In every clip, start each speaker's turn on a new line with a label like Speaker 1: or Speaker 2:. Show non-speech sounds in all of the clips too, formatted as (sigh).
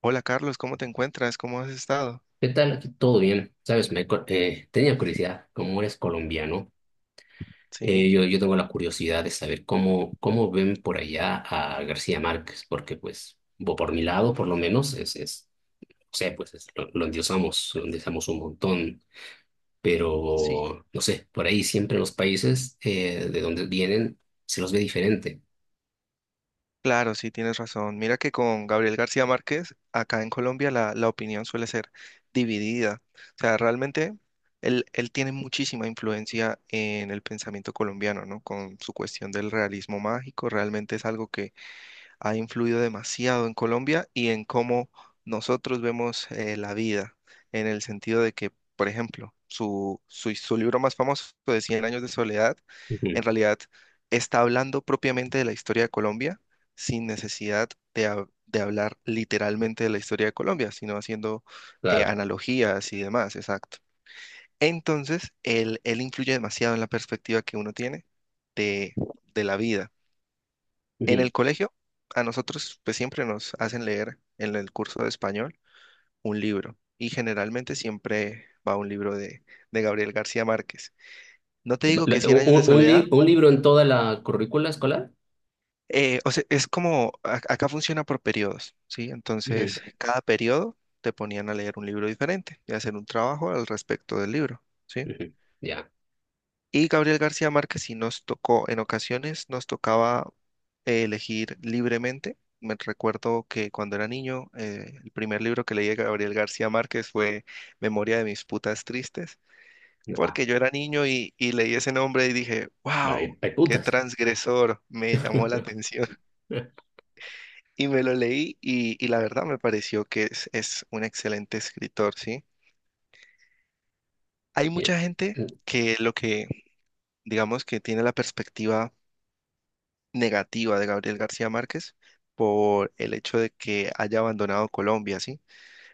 Speaker 1: Hola Carlos, ¿cómo te encuentras? ¿Cómo has estado?
Speaker 2: ¿Qué tal? Aquí todo bien. Sabes, tenía curiosidad, como eres colombiano, eh,
Speaker 1: Sí,
Speaker 2: yo, yo tengo la curiosidad de saber cómo ven por allá a García Márquez, porque pues, por mi lado, por lo menos, o sea, lo endiosamos, lo endiosamos un montón,
Speaker 1: sí,
Speaker 2: pero no sé, por ahí siempre en los países de donde vienen se los ve diferente.
Speaker 1: claro, sí, tienes razón. Mira que con Gabriel García Márquez, acá en Colombia, la opinión suele ser dividida. O sea, realmente él tiene muchísima influencia en el pensamiento colombiano, ¿no? Con su cuestión del realismo mágico, realmente es algo ha influido demasiado en Colombia y en cómo nosotros vemos la vida, en el sentido de que, por ejemplo, su libro más famoso de Cien años de soledad,
Speaker 2: Ujú.
Speaker 1: en realidad está hablando propiamente de la historia de Colombia sin necesidad de hablar literalmente de la historia de Colombia, sino haciendo
Speaker 2: Claro.
Speaker 1: analogías y demás, exacto. Entonces, él influye demasiado en la perspectiva que uno tiene de, de la vida. En
Speaker 2: Ujú.
Speaker 1: el colegio, a nosotros pues siempre nos hacen leer en el curso de español un libro y generalmente siempre va un libro de Gabriel García Márquez. No te digo
Speaker 2: La-
Speaker 1: que Cien años de
Speaker 2: Un, un li-
Speaker 1: soledad,
Speaker 2: un libro en toda la currícula escolar?
Speaker 1: o sea, es como, acá funciona por periodos, ¿sí?
Speaker 2: Ujú.
Speaker 1: Entonces, cada periodo te ponían a leer un libro diferente y hacer un trabajo al respecto del libro, ¿sí?
Speaker 2: Ujú. Ya.
Speaker 1: Y Gabriel García Márquez sí nos tocó, en ocasiones nos tocaba elegir libremente. Me recuerdo que cuando era niño, el primer libro que leí de Gabriel García Márquez fue Memoria de mis putas tristes,
Speaker 2: Ah,
Speaker 1: porque yo era niño y leí ese nombre y dije,
Speaker 2: va, hay
Speaker 1: wow,
Speaker 2: hay
Speaker 1: qué
Speaker 2: putas.
Speaker 1: transgresor, me llamó la
Speaker 2: (laughs)
Speaker 1: atención. (laughs) Y me lo leí y la verdad me pareció que es un excelente escritor, ¿sí? Hay
Speaker 2: Bien.
Speaker 1: mucha gente que lo que, digamos, que tiene la perspectiva negativa de Gabriel García Márquez por el hecho de que haya abandonado Colombia, ¿sí?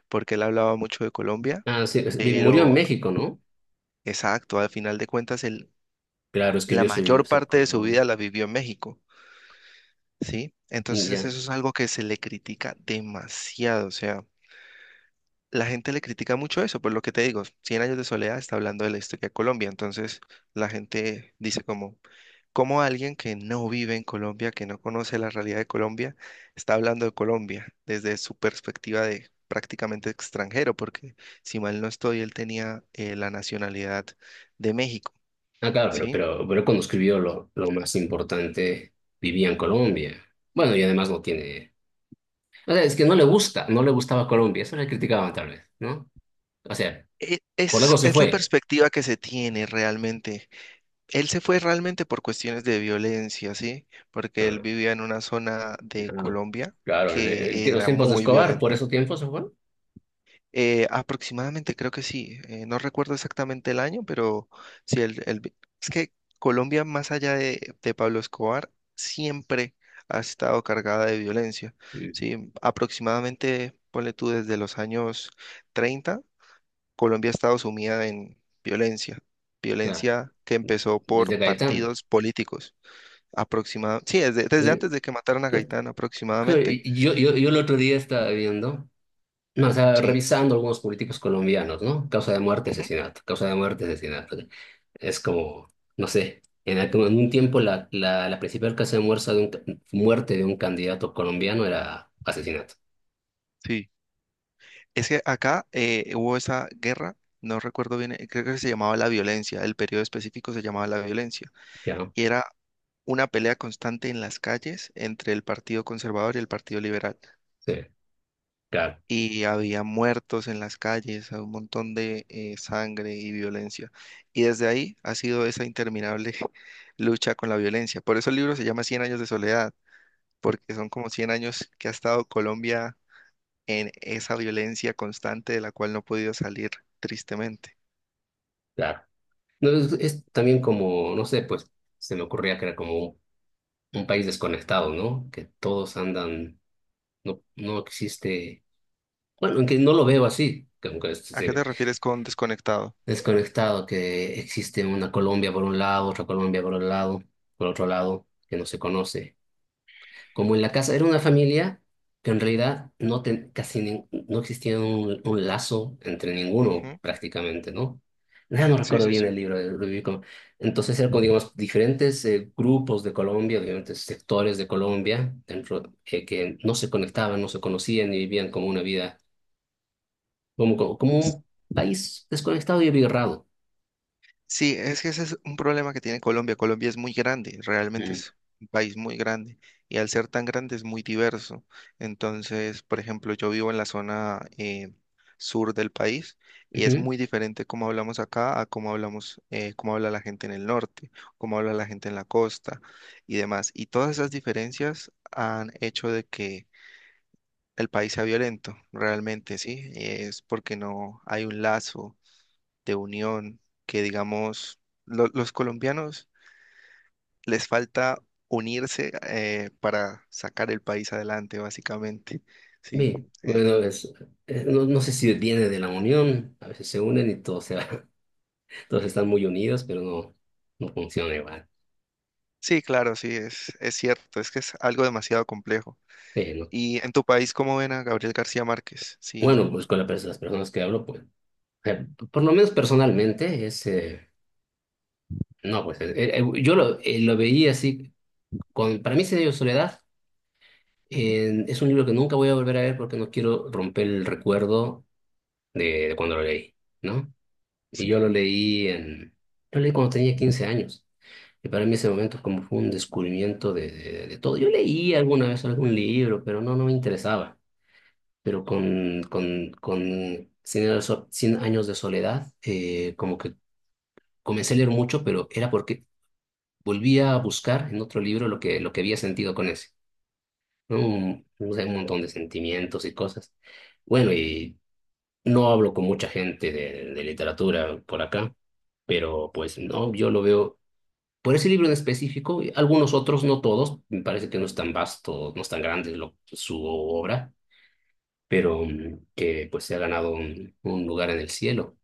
Speaker 1: Porque él hablaba mucho de Colombia,
Speaker 2: Ah, sí, bien, murió en
Speaker 1: pero
Speaker 2: México, ¿no?
Speaker 1: exacto, al final de cuentas, él,
Speaker 2: Claro,
Speaker 1: la
Speaker 2: escribió su libro,
Speaker 1: mayor
Speaker 2: Ser
Speaker 1: parte de su vida
Speaker 2: Colón.
Speaker 1: la vivió en México, ¿sí? Entonces
Speaker 2: Ya.
Speaker 1: eso es algo que se le critica demasiado, o sea, la gente le critica mucho eso, por lo que te digo, Cien años de soledad está hablando de la historia de Colombia, entonces la gente dice como, ¿cómo alguien que no vive en Colombia, que no conoce la realidad de Colombia, está hablando de Colombia desde su perspectiva de prácticamente extranjero? Porque si mal no estoy, él tenía la nacionalidad de México,
Speaker 2: Ah, claro, pero,
Speaker 1: ¿sí?
Speaker 2: pero, pero cuando escribió lo más importante, vivía en Colombia. Bueno, y además no tiene. O sea, es que no le gusta, no le gustaba Colombia, eso le criticaban tal vez, ¿no? O sea,
Speaker 1: E-
Speaker 2: por algo
Speaker 1: Es,
Speaker 2: se
Speaker 1: es la
Speaker 2: fue.
Speaker 1: perspectiva que se tiene realmente. Él se fue realmente por cuestiones de violencia, ¿sí? Porque él
Speaker 2: Ah,
Speaker 1: vivía en una zona de
Speaker 2: ah,
Speaker 1: Colombia
Speaker 2: claro,
Speaker 1: que
Speaker 2: en los
Speaker 1: era
Speaker 2: tiempos de
Speaker 1: muy
Speaker 2: Escobar, por
Speaker 1: violenta.
Speaker 2: esos tiempos se fue.
Speaker 1: Aproximadamente, creo que sí. No recuerdo exactamente el año, pero sí, es que Colombia, más allá de Pablo Escobar, siempre ha estado cargada de violencia.
Speaker 2: Mm,
Speaker 1: Sí, aproximadamente, ponle tú, desde los años 30 Colombia ha estado sumida en violencia.
Speaker 2: Claro,
Speaker 1: Violencia que empezó por
Speaker 2: desde Gaitán.
Speaker 1: partidos políticos. Aproximadamente, sí, desde
Speaker 2: Eh,
Speaker 1: antes de que mataran a
Speaker 2: que-
Speaker 1: Gaitán, aproximadamente.
Speaker 2: yo el otro día estaba viendo. No, o sea,
Speaker 1: Sí.
Speaker 2: revisando algunos políticos colombianos, ¿no? Causa de muerte,
Speaker 1: Ujú.
Speaker 2: asesinato, causa de muerte, asesinato. Es como, no sé, en un tiempo la principal causa de muerte de un candidato colombiano era asesinato,
Speaker 1: Sí. Es que acá hubo esa guerra, no recuerdo bien, creo que se llamaba la violencia, el periodo específico se llamaba la violencia,
Speaker 2: ¿ya no?
Speaker 1: y era una pelea constante en las calles entre el Partido Conservador y el Partido Liberal,
Speaker 2: Sí, claro,
Speaker 1: y había muertos en las calles, un montón de sangre y violencia, y desde ahí ha sido esa interminable (laughs) lucha con la violencia. Por eso el libro se llama Cien años de soledad, porque son como 100 años que ha estado Colombia en esa violencia constante de la cual no he podido salir, tristemente.
Speaker 2: claro. No, es también como, no sé, pues se me ocurría que era como un país desconectado, ¿no? Que todos andan, no, no existe, bueno, aunque no lo veo así, que aunque
Speaker 1: ¿A qué
Speaker 2: se,
Speaker 1: te refieres con desconectado?
Speaker 2: desconectado que existe una Colombia por un lado, otra Colombia por un lado, por otro lado, que no se conoce. Como en la casa era una familia que en realidad no existía un lazo entre ninguno
Speaker 1: Ujú.
Speaker 2: prácticamente, ¿no? Nada, no
Speaker 1: Sí,
Speaker 2: recuerdo
Speaker 1: sí,
Speaker 2: bien
Speaker 1: sí.
Speaker 2: el libro. Entonces eran como, digamos, diferentes grupos de Colombia, diferentes sectores de Colombia, dentro, que no se conectaban, no se conocían y vivían como una vida, como un país desconectado y abigarrado.
Speaker 1: Sí, es que ese es un problema que tiene Colombia. Colombia es muy grande, realmente
Speaker 2: Mm.
Speaker 1: es un país muy grande y al ser tan grande es muy diverso. Entonces, por ejemplo, yo vivo en la zona sur del país y es
Speaker 2: Ujú.
Speaker 1: muy diferente cómo hablamos acá a cómo hablamos, cómo habla la gente en el norte, cómo habla la gente en la costa y demás. Y todas esas diferencias han hecho de que el país sea violento, realmente, sí. Es porque no hay un lazo de unión, que digamos, los colombianos les falta unirse para sacar el país adelante, básicamente. Sí,
Speaker 2: Bien,
Speaker 1: eh,
Speaker 2: bueno, no, no sé si viene de la unión, a veces se unen y todos, se, (laughs) todos están muy unidos, pero no, no funciona igual.
Speaker 1: sí, claro, sí, es cierto, es que es algo demasiado complejo.
Speaker 2: Sí, ¿no?
Speaker 1: ¿Y en tu país cómo ven a Gabriel García Márquez? Sí,
Speaker 2: Bueno, pues con las personas que hablo, pues, por lo menos personalmente, no, pues, lo veía así, con, para mí se dio Soledad,
Speaker 1: ujú,
Speaker 2: es un libro que nunca voy a volver a ver porque no quiero romper el recuerdo de cuando lo leí, ¿no? Y yo
Speaker 1: sí,
Speaker 2: lo leí cuando tenía 15 años. Y para mí ese momento como fue un descubrimiento de todo. Yo leí alguna vez algún libro, pero no, no me interesaba. Pero con 100 años de soledad, como que comencé a leer mucho, pero era porque volvía a buscar en otro libro lo que había sentido con ese, ¿no? Un, no sé, un montón de sentimientos y cosas. Bueno, y no hablo con mucha gente de literatura por acá, pero pues no, yo lo veo. Por ese libro en específico, y algunos otros, no todos, me parece que no es tan vasto, no es tan grande su obra, pero que pues se ha ganado un lugar en el cielo.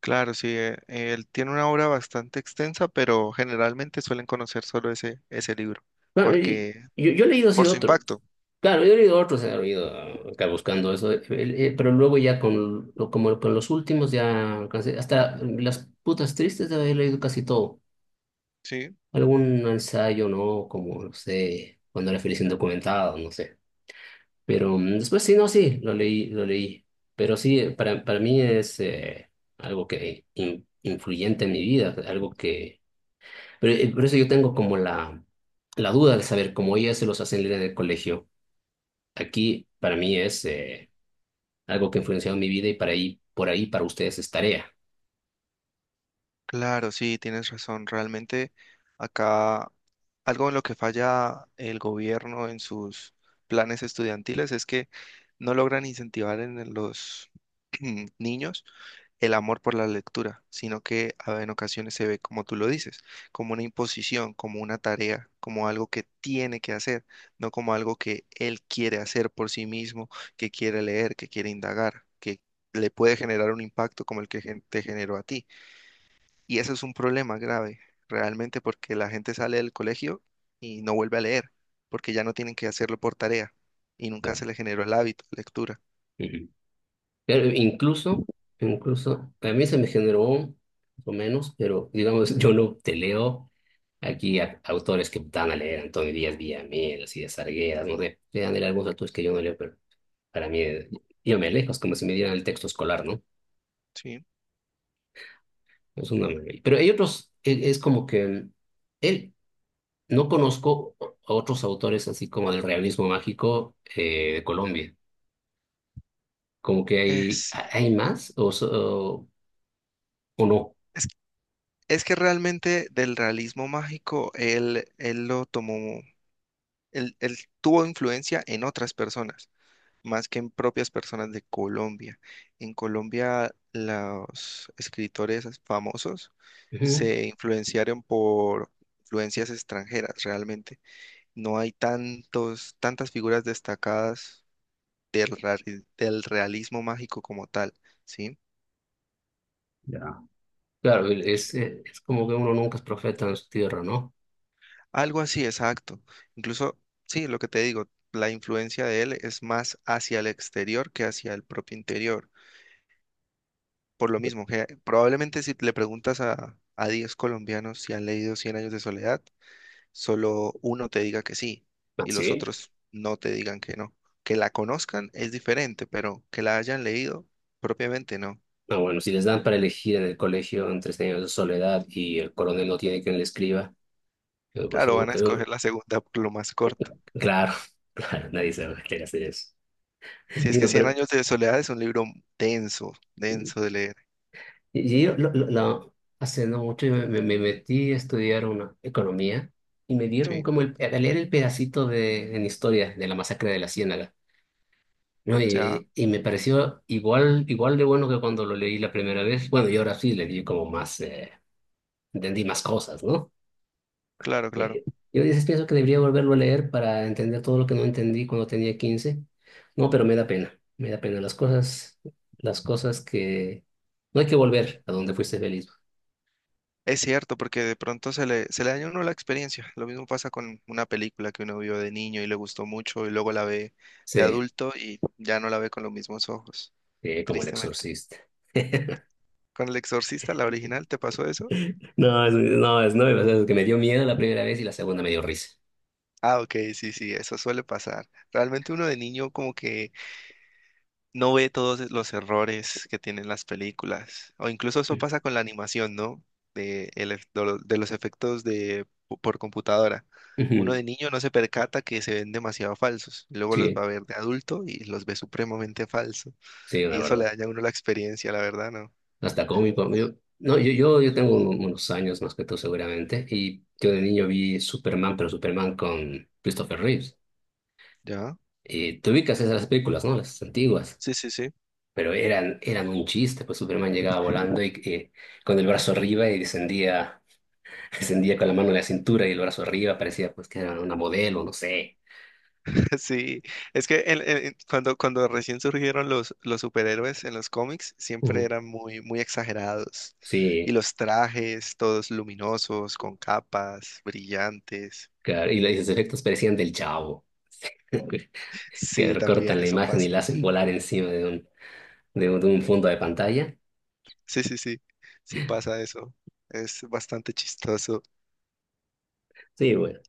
Speaker 1: claro, sí, él tiene una obra bastante extensa, pero generalmente suelen conocer solo ese libro,
Speaker 2: Bueno, y
Speaker 1: porque
Speaker 2: yo he leído así
Speaker 1: por su
Speaker 2: otro,
Speaker 1: impacto.
Speaker 2: claro, yo he leído otros, he leído acá buscando eso, pero luego ya como con los últimos hasta las putas tristes he leído casi todo.
Speaker 1: Sí.
Speaker 2: Algún ensayo, ¿no? Como, no sé, cuando era feliz indocumentado, no sé. Pero después sí, no, sí, lo leí, lo leí. Pero sí, para mí es algo que influyente en mi vida, algo que... Pero por eso yo tengo como la duda de saber cómo ellas se los hacen leer en el colegio. Aquí para mí es algo que ha influenciado mi vida y por ahí para ustedes es tarea.
Speaker 1: Claro, sí, tienes razón. Realmente acá algo en lo que falla el gobierno en sus planes estudiantiles es que no logran incentivar en los (clears throat) niños el amor por la lectura, sino que en ocasiones se ve, como tú lo dices, como una imposición, como una tarea, como algo que tiene que hacer, no como algo que él quiere hacer por sí mismo, que quiere leer, que quiere indagar, que le puede generar un impacto como el que te generó a ti. Y eso es un problema grave, realmente, porque la gente sale del colegio y no vuelve a leer, porque ya no tienen que hacerlo por tarea y nunca se
Speaker 2: Claro.
Speaker 1: le generó el hábito de lectura.
Speaker 2: Ujú. Pero incluso, incluso, a mí se me generó, más o menos, pero digamos, (laughs) yo no te leo. Aquí autores que dan a leer, Antonio Díaz Villamil, así de Sargueras, no sé, le dan a leer algunos autores que yo no leo, pero para mí, yo me alejo, es como si me dieran el texto escolar, ¿no?
Speaker 1: Sí.
Speaker 2: Es una maravilla. Pero hay otros, es como que él, no conozco a otros autores así como del realismo mágico de Colombia. Como que
Speaker 1: Es,
Speaker 2: ¿hay más o no?
Speaker 1: es, es que realmente del realismo mágico él lo tomó, él tuvo influencia en otras personas, más que en propias personas de Colombia. En Colombia los escritores famosos
Speaker 2: Ujú.
Speaker 1: se influenciaron por influencias extranjeras, realmente no hay tantos, tantas figuras destacadas del, ra- del realismo mágico como tal, ¿sí?
Speaker 2: Ya. Claro, es como que uno nunca es profeta en su tierra, ¿no?
Speaker 1: Algo así, exacto. Incluso, sí, lo que te digo, la influencia de él es más hacia el exterior que hacia el propio interior. Por lo mismo, que probablemente si le preguntas a 10 colombianos si han leído Cien años de soledad, solo uno te diga que sí
Speaker 2: Ah,
Speaker 1: y los
Speaker 2: ¿sí?
Speaker 1: otros no te digan que no. Que la conozcan es diferente, pero que la hayan leído propiamente no.
Speaker 2: Ah, bueno, si les dan para elegir en el colegio entre Cien años de soledad y El coronel no tiene quien le escriba, pues
Speaker 1: Claro,
Speaker 2: como
Speaker 1: van a
Speaker 2: que
Speaker 1: escoger
Speaker 2: no.
Speaker 1: la segunda, lo más corto.
Speaker 2: Claro, (laughs) claro, nadie se va a querer hacer eso.
Speaker 1: Si es que
Speaker 2: Digo,
Speaker 1: Cien
Speaker 2: pero
Speaker 1: años de soledad es un libro denso,
Speaker 2: eh,
Speaker 1: denso de leer,
Speaker 2: y yo hace no mucho yo me metí a estudiar una economía y me dieron
Speaker 1: ¿sí?
Speaker 2: como a leer el pedacito en historia de la masacre de la Ciénaga, ¿no?
Speaker 1: Ya,
Speaker 2: Y me pareció igual, igual de bueno que cuando lo leí la primera vez. Bueno, y ahora sí le di como más, entendí más cosas, ¿no?
Speaker 1: claro, claro.
Speaker 2: Eh, Yo a veces pienso que debería volverlo a leer para entender todo lo que no entendí cuando tenía 15. No, pero me da pena las cosas, que no hay que volver a donde fuiste feliz.
Speaker 1: Es cierto, porque de pronto se le daña a uno la experiencia. Lo mismo pasa con una película que uno vio de niño y le gustó mucho y luego la ve de
Speaker 2: Sí,
Speaker 1: adulto y ya no la ve con los mismos ojos,
Speaker 2: sí, como el
Speaker 1: tristemente.
Speaker 2: exorcista. (laughs)
Speaker 1: ¿Con El Exorcista, la original, te pasó eso?
Speaker 2: No, es, no, es, no, o sea, es que me dio miedo la primera vez y la segunda me dio risa.
Speaker 1: Ah, ok, sí, sí, eso suele pasar. Realmente uno de niño como que no ve todos los errores que tienen las películas. O incluso eso pasa con la animación, ¿no? De, el ef- de lo- de los efectos por computadora. Uno
Speaker 2: Ujú.
Speaker 1: de niño no se percata que se ven demasiado falsos. Y luego los va
Speaker 2: Sí,
Speaker 1: a ver de adulto y los ve supremamente falsos.
Speaker 2: sí, una
Speaker 1: Y eso le
Speaker 2: barbaridad.
Speaker 1: daña a uno la experiencia, la verdad, ¿no?
Speaker 2: Hasta cómico. No, yo tengo unos años más que tú seguramente y yo de niño vi Superman, pero Superman con Christopher Reeves.
Speaker 1: ¿Ya?
Speaker 2: Te ubicas esas películas, ¿no? Las antiguas.
Speaker 1: Sí, sí, sí.
Speaker 2: Pero eran un chiste, pues Superman llegaba volando y con el brazo arriba y descendía, (laughs) descendía con la mano en la cintura y el brazo arriba, parecía pues que era una modelo, no sé.
Speaker 1: (laughs) Sí, es que cuando, cuando recién surgieron los superhéroes en los cómics, siempre
Speaker 2: Ujú.
Speaker 1: eran muy, muy exagerados. Y
Speaker 2: Sí,
Speaker 1: los trajes, todos luminosos, con capas, brillantes.
Speaker 2: claro, y los efectos parecían del Chavo, (laughs) que
Speaker 1: Sí, también
Speaker 2: recortan la
Speaker 1: eso
Speaker 2: imagen y la
Speaker 1: pasa.
Speaker 2: hacen volar encima de un fondo de pantalla.
Speaker 1: Sí, sí, sí. Sí pasa eso. Es bastante chistoso.
Speaker 2: Sí, bueno,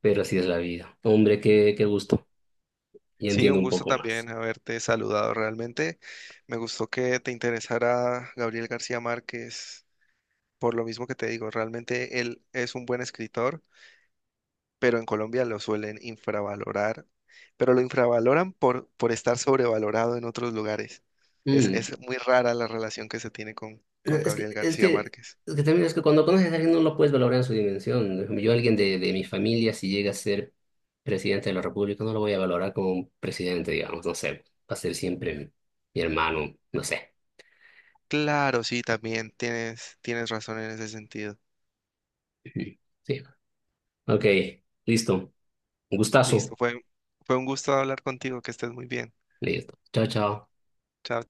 Speaker 2: pero así es la vida. Hombre, qué gusto. Y
Speaker 1: Sí,
Speaker 2: entiendo
Speaker 1: un
Speaker 2: un
Speaker 1: gusto
Speaker 2: poco
Speaker 1: también
Speaker 2: más.
Speaker 1: haberte saludado. Realmente me gustó que te interesara Gabriel García Márquez. Por lo mismo que te digo, realmente él es un buen escritor, pero en Colombia lo suelen infravalorar, pero lo infravaloran por estar sobrevalorado en otros lugares. Es,
Speaker 2: Mm,
Speaker 1: es muy rara la relación que se tiene
Speaker 2: No,
Speaker 1: con
Speaker 2: Es que,
Speaker 1: Gabriel
Speaker 2: es
Speaker 1: García
Speaker 2: que,
Speaker 1: Márquez.
Speaker 2: es que también es que cuando conoces a alguien no lo puedes valorar en su dimensión. Por ejemplo, alguien de mi familia, si llega a ser presidente de la República, no lo voy a valorar como un presidente, digamos, no sé. Va a ser siempre mi hermano, no sé.
Speaker 1: Claro, sí, también tienes razón en ese sentido.
Speaker 2: (laughs) Ujú. Sí. Ok, listo. Un
Speaker 1: Listo,
Speaker 2: gustazo.
Speaker 1: fue un gusto hablar contigo, que estés muy bien.
Speaker 2: Listo. Chao, chao.
Speaker 1: Chao.